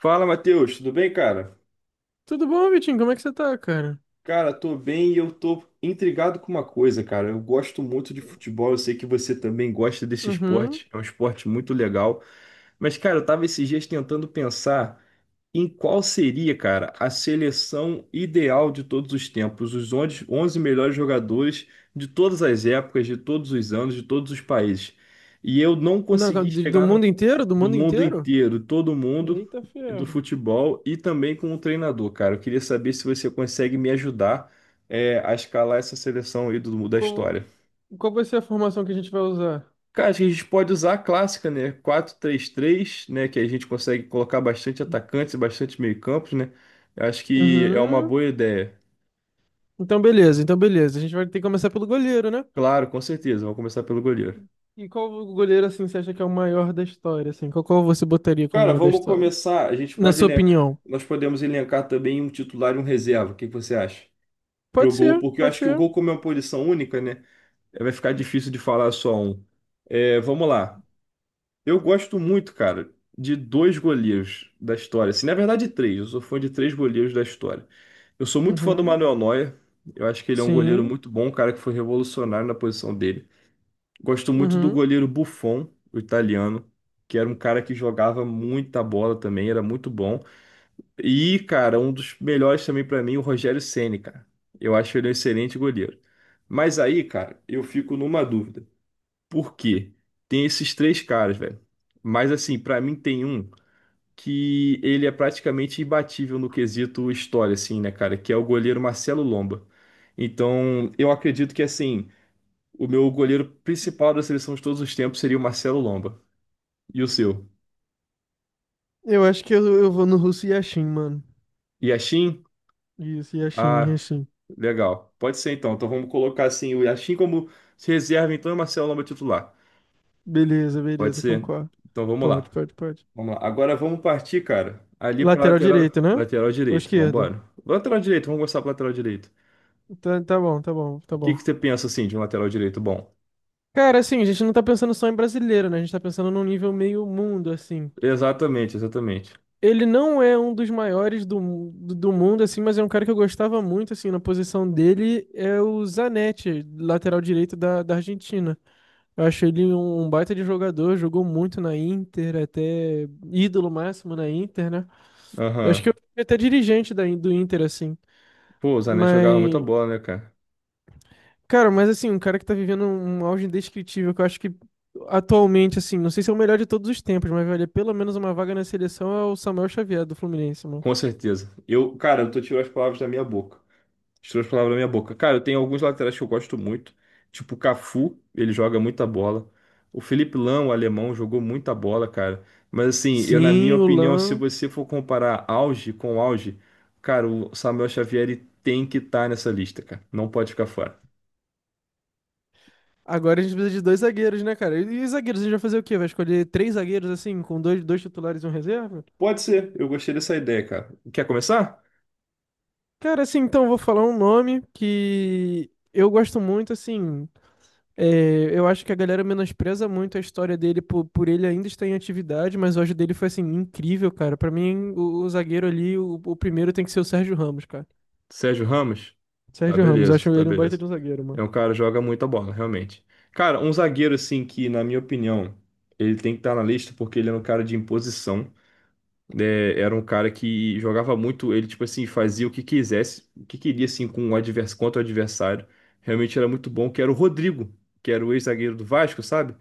Fala, Matheus, tudo bem, cara? Tudo bom, Vitinho? Como é que você tá, cara? Cara, tô bem e eu tô intrigado com uma coisa, cara. Eu gosto muito de futebol, eu sei que você também gosta desse Uhum. esporte, é um esporte muito legal. Mas, cara, eu tava esses dias tentando pensar em qual seria, cara, a seleção ideal de todos os tempos, os 11 11 melhores jogadores de todas as épocas, de todos os anos, de todos os países. E eu não Não, consegui calma, do chegar no mundo inteiro? Do do mundo mundo inteiro? inteiro, todo mundo Eita do ferro. futebol e também com o treinador, cara. Eu queria saber se você consegue me ajudar a escalar essa seleção aí da Qual, história. qual vai ser a formação que a gente vai usar? Cara, acho que a gente pode usar a clássica, né? Quatro três três, né? Que a gente consegue colocar bastante atacantes e bastante meio-campos, né? Eu acho que é uma Uhum. boa ideia. Então, beleza, então, beleza. A gente vai ter que começar pelo goleiro, né? Claro, com certeza. Vamos começar pelo goleiro. E qual o goleiro, assim, você acha que é o maior da história, assim? Qual você botaria como Cara, maior da vamos história? começar. A gente Na pode sua elencar. opinião? Nós podemos elencar também um titular e um reserva. O que que você acha? Pro Pode gol, ser, porque eu pode acho que o ser. gol, como é uma posição única, né? É, vai ficar difícil de falar só um. É, vamos lá. Eu gosto muito, cara, de dois goleiros da história. Assim, na verdade, três. Eu sou fã de três goleiros da história. Eu sou muito fã do Uhum. Manuel Neuer. Eu acho que ele é um goleiro Sim. muito bom, um cara que foi revolucionário na posição dele. Gosto muito do Uhum. goleiro Buffon, o italiano, que era um cara que jogava muita bola também, era muito bom. E, cara, um dos melhores também pra mim, o Rogério Ceni, cara. Eu acho ele um excelente goleiro. Mas aí, cara, eu fico numa dúvida. Por quê? Tem esses três caras, velho. Mas assim, pra mim tem um que ele é praticamente imbatível no quesito história, assim, né, cara? Que é o goleiro Marcelo Lomba. Então, eu acredito que assim, o meu goleiro principal da seleção de todos os tempos seria o Marcelo Lomba. E o seu? Eu acho que eu vou no russo Yashin, mano. Yashin? Isso, Yashin, Ah, Yashin. legal. Pode ser então. Então vamos colocar assim o Yashin como reserva, então, e o Marcelo Lomba titular. Beleza, Pode beleza, ser? concordo. Então vamos Pode, lá. pode, pode. Vamos lá. Agora vamos partir, cara, ali para Lateral lateral, direito, né? lateral Ou direito. Vamos esquerdo? embora. Lateral direito, vamos gostar para lateral direito. Tá, tá bom, tá bom, tá O que bom. que você pensa assim de um lateral direito bom? Cara, assim, a gente não tá pensando só em brasileiro, né? A gente tá pensando num nível meio mundo, assim. Exatamente, exatamente. Ele não é um dos maiores do mundo, assim, mas é um cara que eu gostava muito, assim, na posição dele é o Zanetti, lateral direito da Argentina. Eu acho ele um baita de jogador, jogou muito na Inter, até ídolo máximo na Inter, né? Eu acho Aham. que eu fui até dirigente do Inter, assim. Pô, o Zanetti jogava muita Mas bola, né, cara? Cara, mas assim, um cara que tá vivendo um auge indescritível, que eu acho que atualmente, assim, não sei se é o melhor de todos os tempos, mas vale pelo menos uma vaga na seleção é o Samuel Xavier do Fluminense, mano. Com certeza. Eu, cara, eu tô tirando as palavras da minha boca. Tirou as palavras na minha boca. Cara, eu tenho alguns laterais que eu gosto muito. Tipo o Cafu, ele joga muita bola. O Felipe Lão, o alemão, jogou muita bola, cara. Mas assim, eu na minha Sim, o opinião, se Lan. você for comparar auge com auge, cara, o Samuel Xavier ele tem que estar nessa lista, cara. Não pode ficar fora. Agora a gente precisa de dois zagueiros, né, cara? E zagueiros, a gente vai fazer o quê? Vai escolher três zagueiros, assim, com dois titulares e um reserva? Pode ser, eu gostei dessa ideia, cara. Quer começar? Cara, assim, então, eu vou falar um nome que eu gosto muito, assim. É, eu acho que a galera menospreza muito a história dele por ele ainda estar em atividade, mas o auge dele foi assim, incrível, cara. Pra mim, o zagueiro ali, o primeiro tem que ser o Sérgio Ramos, cara. Sérgio Ramos? Tá Sérgio Ramos, eu beleza, acho tá ele um baita beleza. de um zagueiro, mano. É um cara que joga muita bola, realmente. Cara, um zagueiro assim que, na minha opinião, ele tem que estar na lista porque ele era um cara de imposição, né? Era um cara que jogava muito, ele tipo assim, fazia o que quisesse, o que queria assim com o advers contra o adversário. Realmente era muito bom, que era o Rodrigo, que era o ex-zagueiro do Vasco, sabe?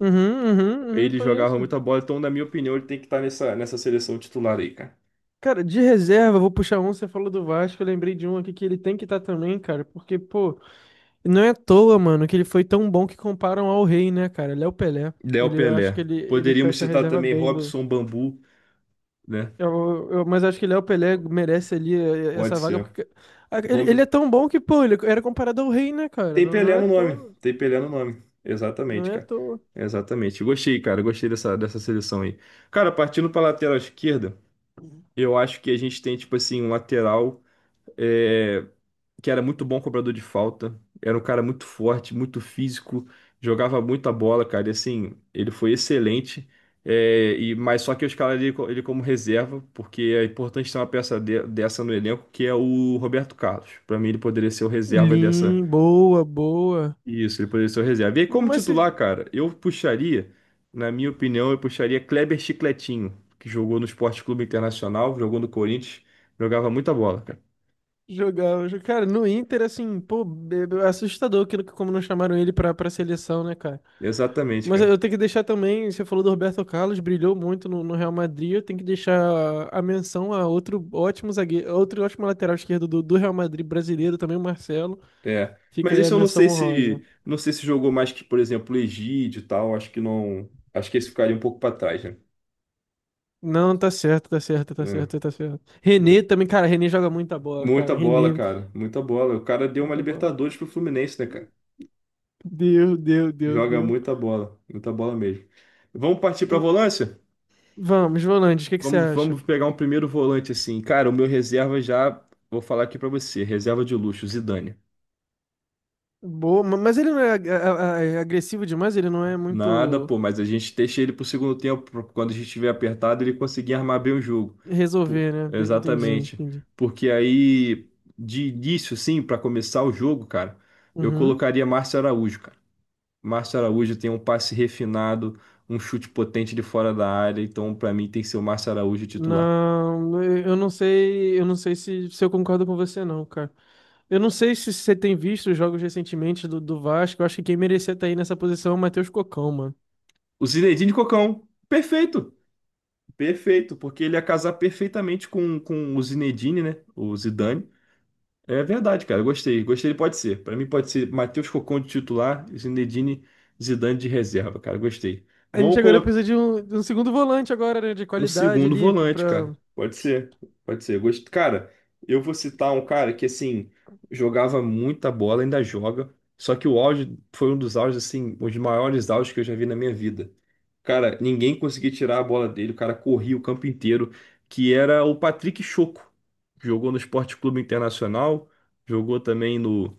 Uhum, uhum, uhum, Ele jogava conheço. muita bola, então na minha opinião, ele tem que estar nessa seleção titular aí, cara. Cara, de reserva, vou puxar um, você falou do Vasco, eu lembrei de um aqui que ele tem que estar também, cara, porque, pô, não é à toa, mano, que ele foi tão bom que comparam ao rei, né, cara? Léo Pelé. Léo Ele, eu acho Pelé. que ele Poderíamos fecha a citar reserva também bem. Robson Bambu, né? Mas acho que Léo Pelé merece ali Pode essa vaga, ser. porque ah, O nome ele é tão bom que, pô, ele era comparado ao rei, né, cara? tem Não, não Pelé é à no nome. toa, Tem Pelé no nome. não Exatamente, é à cara. toa. Exatamente. Gostei, cara. Gostei dessa seleção aí. Cara, partindo para lateral esquerda, eu acho que a gente tem, tipo assim, um lateral é, que era muito bom cobrador de falta. Era um cara muito forte, muito físico, jogava muita bola, cara. E assim, ele foi excelente. É, mas só que eu escalaria ele como reserva, porque é importante ter uma peça dessa no elenco, que é o Roberto Carlos. Para mim, ele poderia ser o reserva dessa Lim, boa, boa. Isso, ele poderia ser o reserva. E aí, como Mas se titular, cara, na minha opinião, eu puxaria Kleber Chicletinho, que jogou no Sport Clube Internacional, jogou no Corinthians, jogava muita bola, cara. Cara, no Inter, assim, pô, assustador aquilo que como não chamaram ele pra seleção, né, cara? Exatamente, Mas cara. eu tenho que deixar também, você falou do Roberto Carlos, brilhou muito no Real Madrid, eu tenho que deixar a menção a outro ótimo zagueiro, outro ótimo lateral esquerdo do Real Madrid brasileiro também, o Marcelo. É. Fica Mas aí a esse eu menção honrosa. Não sei se jogou mais que, por exemplo, o Egídio e tal, acho que não, acho que esse ficaria um pouco para trás, né? Não, tá certo, tá certo, tá certo, É. tá certo. René também, cara, René joga muita bola, Muita cara. bola, René, cara, muita bola. O cara deu uma muita bola. Libertadores pro Fluminense, né, cara? Deu, deu, deu, Joga deu. Muita bola mesmo. Vamos partir pra Hum, volância? Vamos, Volandes, o que que você acha? Vamos pegar um primeiro volante assim. Cara, o meu reserva já. Vou falar aqui pra você. Reserva de luxo, Zidane. Boa, mas ele não é agressivo demais, ele não é Nada, muito pô, mas a gente deixa ele pro segundo tempo. Quando a gente estiver apertado, ele conseguir armar bem o jogo. Pô, resolver, né? Entendi, exatamente. entendi. Porque aí, de início, assim, pra começar o jogo, cara, eu Uhum. colocaria Márcio Araújo, cara. Márcio Araújo tem um passe refinado, um chute potente de fora da área. Então, pra mim, tem que ser o Márcio Araújo titular. Não, eu não sei se eu concordo com você, não, cara. Eu não sei se você tem visto os jogos recentemente do Vasco. Eu acho que quem merecia estar aí nessa posição é o Matheus Cocão, mano. O Zinedine Cocão. Perfeito. Perfeito, porque ele ia casar perfeitamente com o Zinedine, né? O Zidane. É verdade, cara. Eu gostei. Gostei, ele pode ser. Pra mim pode ser Matheus Cocon de titular, Zinedine, Zidane de reserva, cara. Gostei. A gente Vamos agora colocar precisa de um segundo volante agora, né, de um qualidade segundo ali pra... volante, cara. pra... Pode ser. Pode ser. Cara, eu vou citar um cara que, assim, jogava muita bola, ainda joga. Só que o auge foi um dos auges, assim, os maiores auges que eu já vi na minha vida. Cara, ninguém conseguia tirar a bola dele, o cara corria o campo inteiro, que era o Patrick Choco. Jogou no Esporte Clube Internacional, jogou também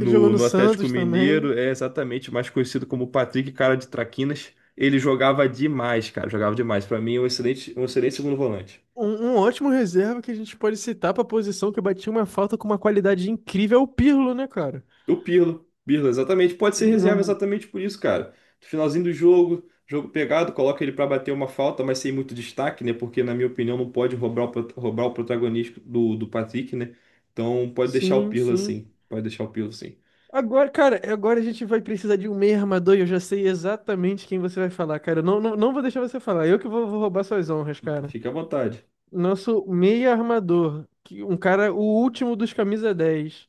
Ele jogou no no Atlético Santos Mineiro, também. é exatamente mais conhecido como Patrick Cara de Traquinas. Ele jogava demais, cara, jogava demais. Pra mim, é um excelente, segundo volante. Um ótimo reserva que a gente pode citar pra posição que batia uma falta com uma qualidade incrível é o Pirlo, né, cara? O Pirlo, Pirlo, exatamente. Pode ser Um- reserva um- exatamente por isso, cara. No finalzinho do jogo, jogo pegado, coloca ele pra bater uma falta, mas sem muito destaque, né? Porque, na minha opinião, não pode roubar roubar o protagonismo do Patrick, né? Então, pode deixar o Sim, Pirlo sim. assim. Pode deixar o Pirlo assim. Agora, cara, agora a gente vai precisar de um meio armador e eu já sei exatamente quem você vai falar, cara. Eu Não, não, não vou deixar você falar. Eu que vou roubar suas honras, cara. Fica à vontade. Nosso meio armador, um cara, o último dos camisa dez,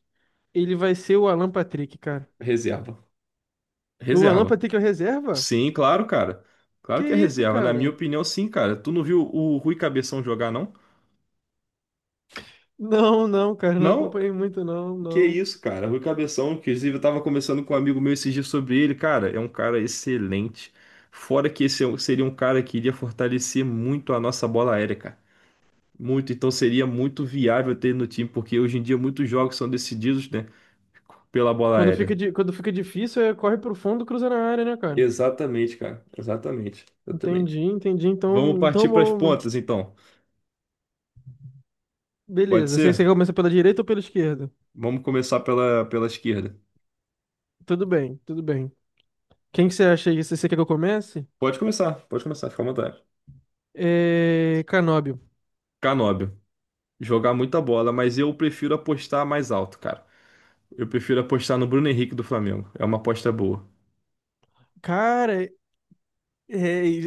ele vai ser o Alan Patrick, cara. Reserva. O Lampard Reserva. tem que é reserva? Sim, claro, cara. Que Claro que é isso, reserva. Na minha cara? opinião, sim, cara. Tu não viu o Rui Cabeção jogar, não? Não, não, cara, não Não? acompanhei muito, não, Que não. isso, cara. Rui Cabeção, inclusive, eu tava conversando com um amigo meu esses dias sobre ele. Cara, é um cara excelente. Fora que esse seria um cara que iria fortalecer muito a nossa bola aérea, cara. Muito, então seria muito viável ter ele no time, porque hoje em dia muitos jogos são decididos, né, pela bola aérea. Quando fica difícil, é corre pro fundo, cruza na área, né, cara? Exatamente, cara. Exatamente. Entendi, Exatamente. entendi. Vamos Então, então partir para as bom, mano. pontas, então. Pode Beleza. Você ser? começa pela direita ou pela esquerda? Vamos começar pela esquerda. Tudo bem, tudo bem. Quem que você acha aí? Você quer que eu comece? Pode começar, fica à vontade. É... Canóbio. Canóbio. Jogar muita bola, mas eu prefiro apostar mais alto, cara. Eu prefiro apostar no Bruno Henrique do Flamengo. É uma aposta boa. Cara, é...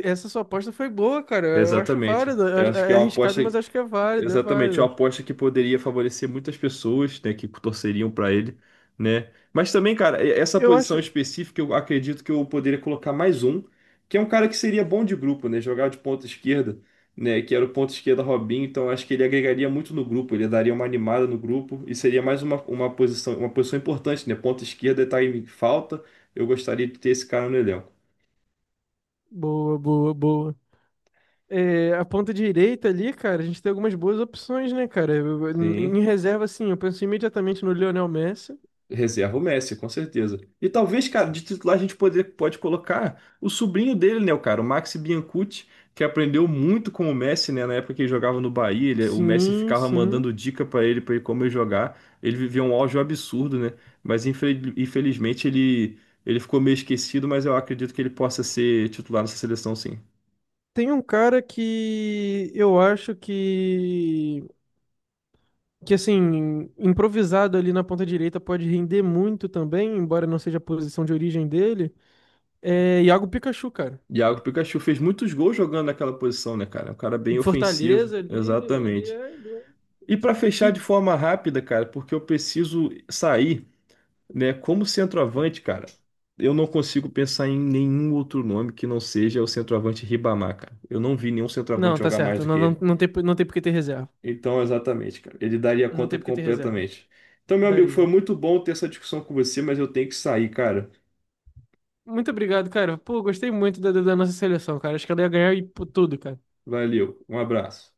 essa sua aposta foi boa, cara. Eu acho Exatamente. Eu válida. acho que É, é é uma arriscado, aposta, mas acho que é válido, é exatamente, é uma válido. aposta que poderia favorecer muitas pessoas, né, que torceriam para ele, né? Mas também, cara, essa Eu posição acho. específica, eu acredito que eu poderia colocar mais um, que é um cara que seria bom de grupo, né? Jogar de ponta esquerda, né? Que era o ponta esquerda Robinho, então acho que ele agregaria muito no grupo, ele daria uma animada no grupo e seria mais uma posição importante, né? Ponta esquerda tá em falta. Eu gostaria de ter esse cara no elenco. Boa, boa, boa. É, a ponta direita ali, cara, a gente tem algumas boas opções, né, cara? Sim. Em reserva, assim, eu penso imediatamente no Lionel Messi. Reserva o Messi, com certeza. E talvez, cara, de titular a gente pode colocar o sobrinho dele, né, o cara, o Maxi Biancucci, que aprendeu muito com o Messi, né, na época que ele jogava no Bahia, o Messi Sim, ficava mandando sim. dica para ele como ele jogar. Ele vivia um auge absurdo, né? Mas infelizmente ele ficou meio esquecido, mas eu acredito que ele possa ser titular nessa seleção, sim. Tem um cara que eu acho que assim, improvisado ali na ponta direita pode render muito também, embora não seja a posição de origem dele. É Iago Pikachu, cara. Iago Pikachu fez muitos gols jogando naquela posição, né, cara? Um cara bem Em ofensivo, Fortaleza ali, ele exatamente. é. Ele é... E para fechar de E... forma rápida, cara, porque eu preciso sair, né? Como centroavante, cara, eu não consigo pensar em nenhum outro nome que não seja o centroavante Ribamar, cara. Eu não vi nenhum Não, centroavante tá jogar mais certo. do Não, que não, ele. não tem, não tem por que ter reserva. Então, exatamente, cara, ele daria Não conta tem por que ter reserva. completamente. Então, meu amigo, foi Daria. muito bom ter essa discussão com você, mas eu tenho que sair, cara. Muito obrigado, cara. Pô, gostei muito da nossa seleção, cara. Acho que ela ia ganhar e por tudo, cara. Valeu, um abraço.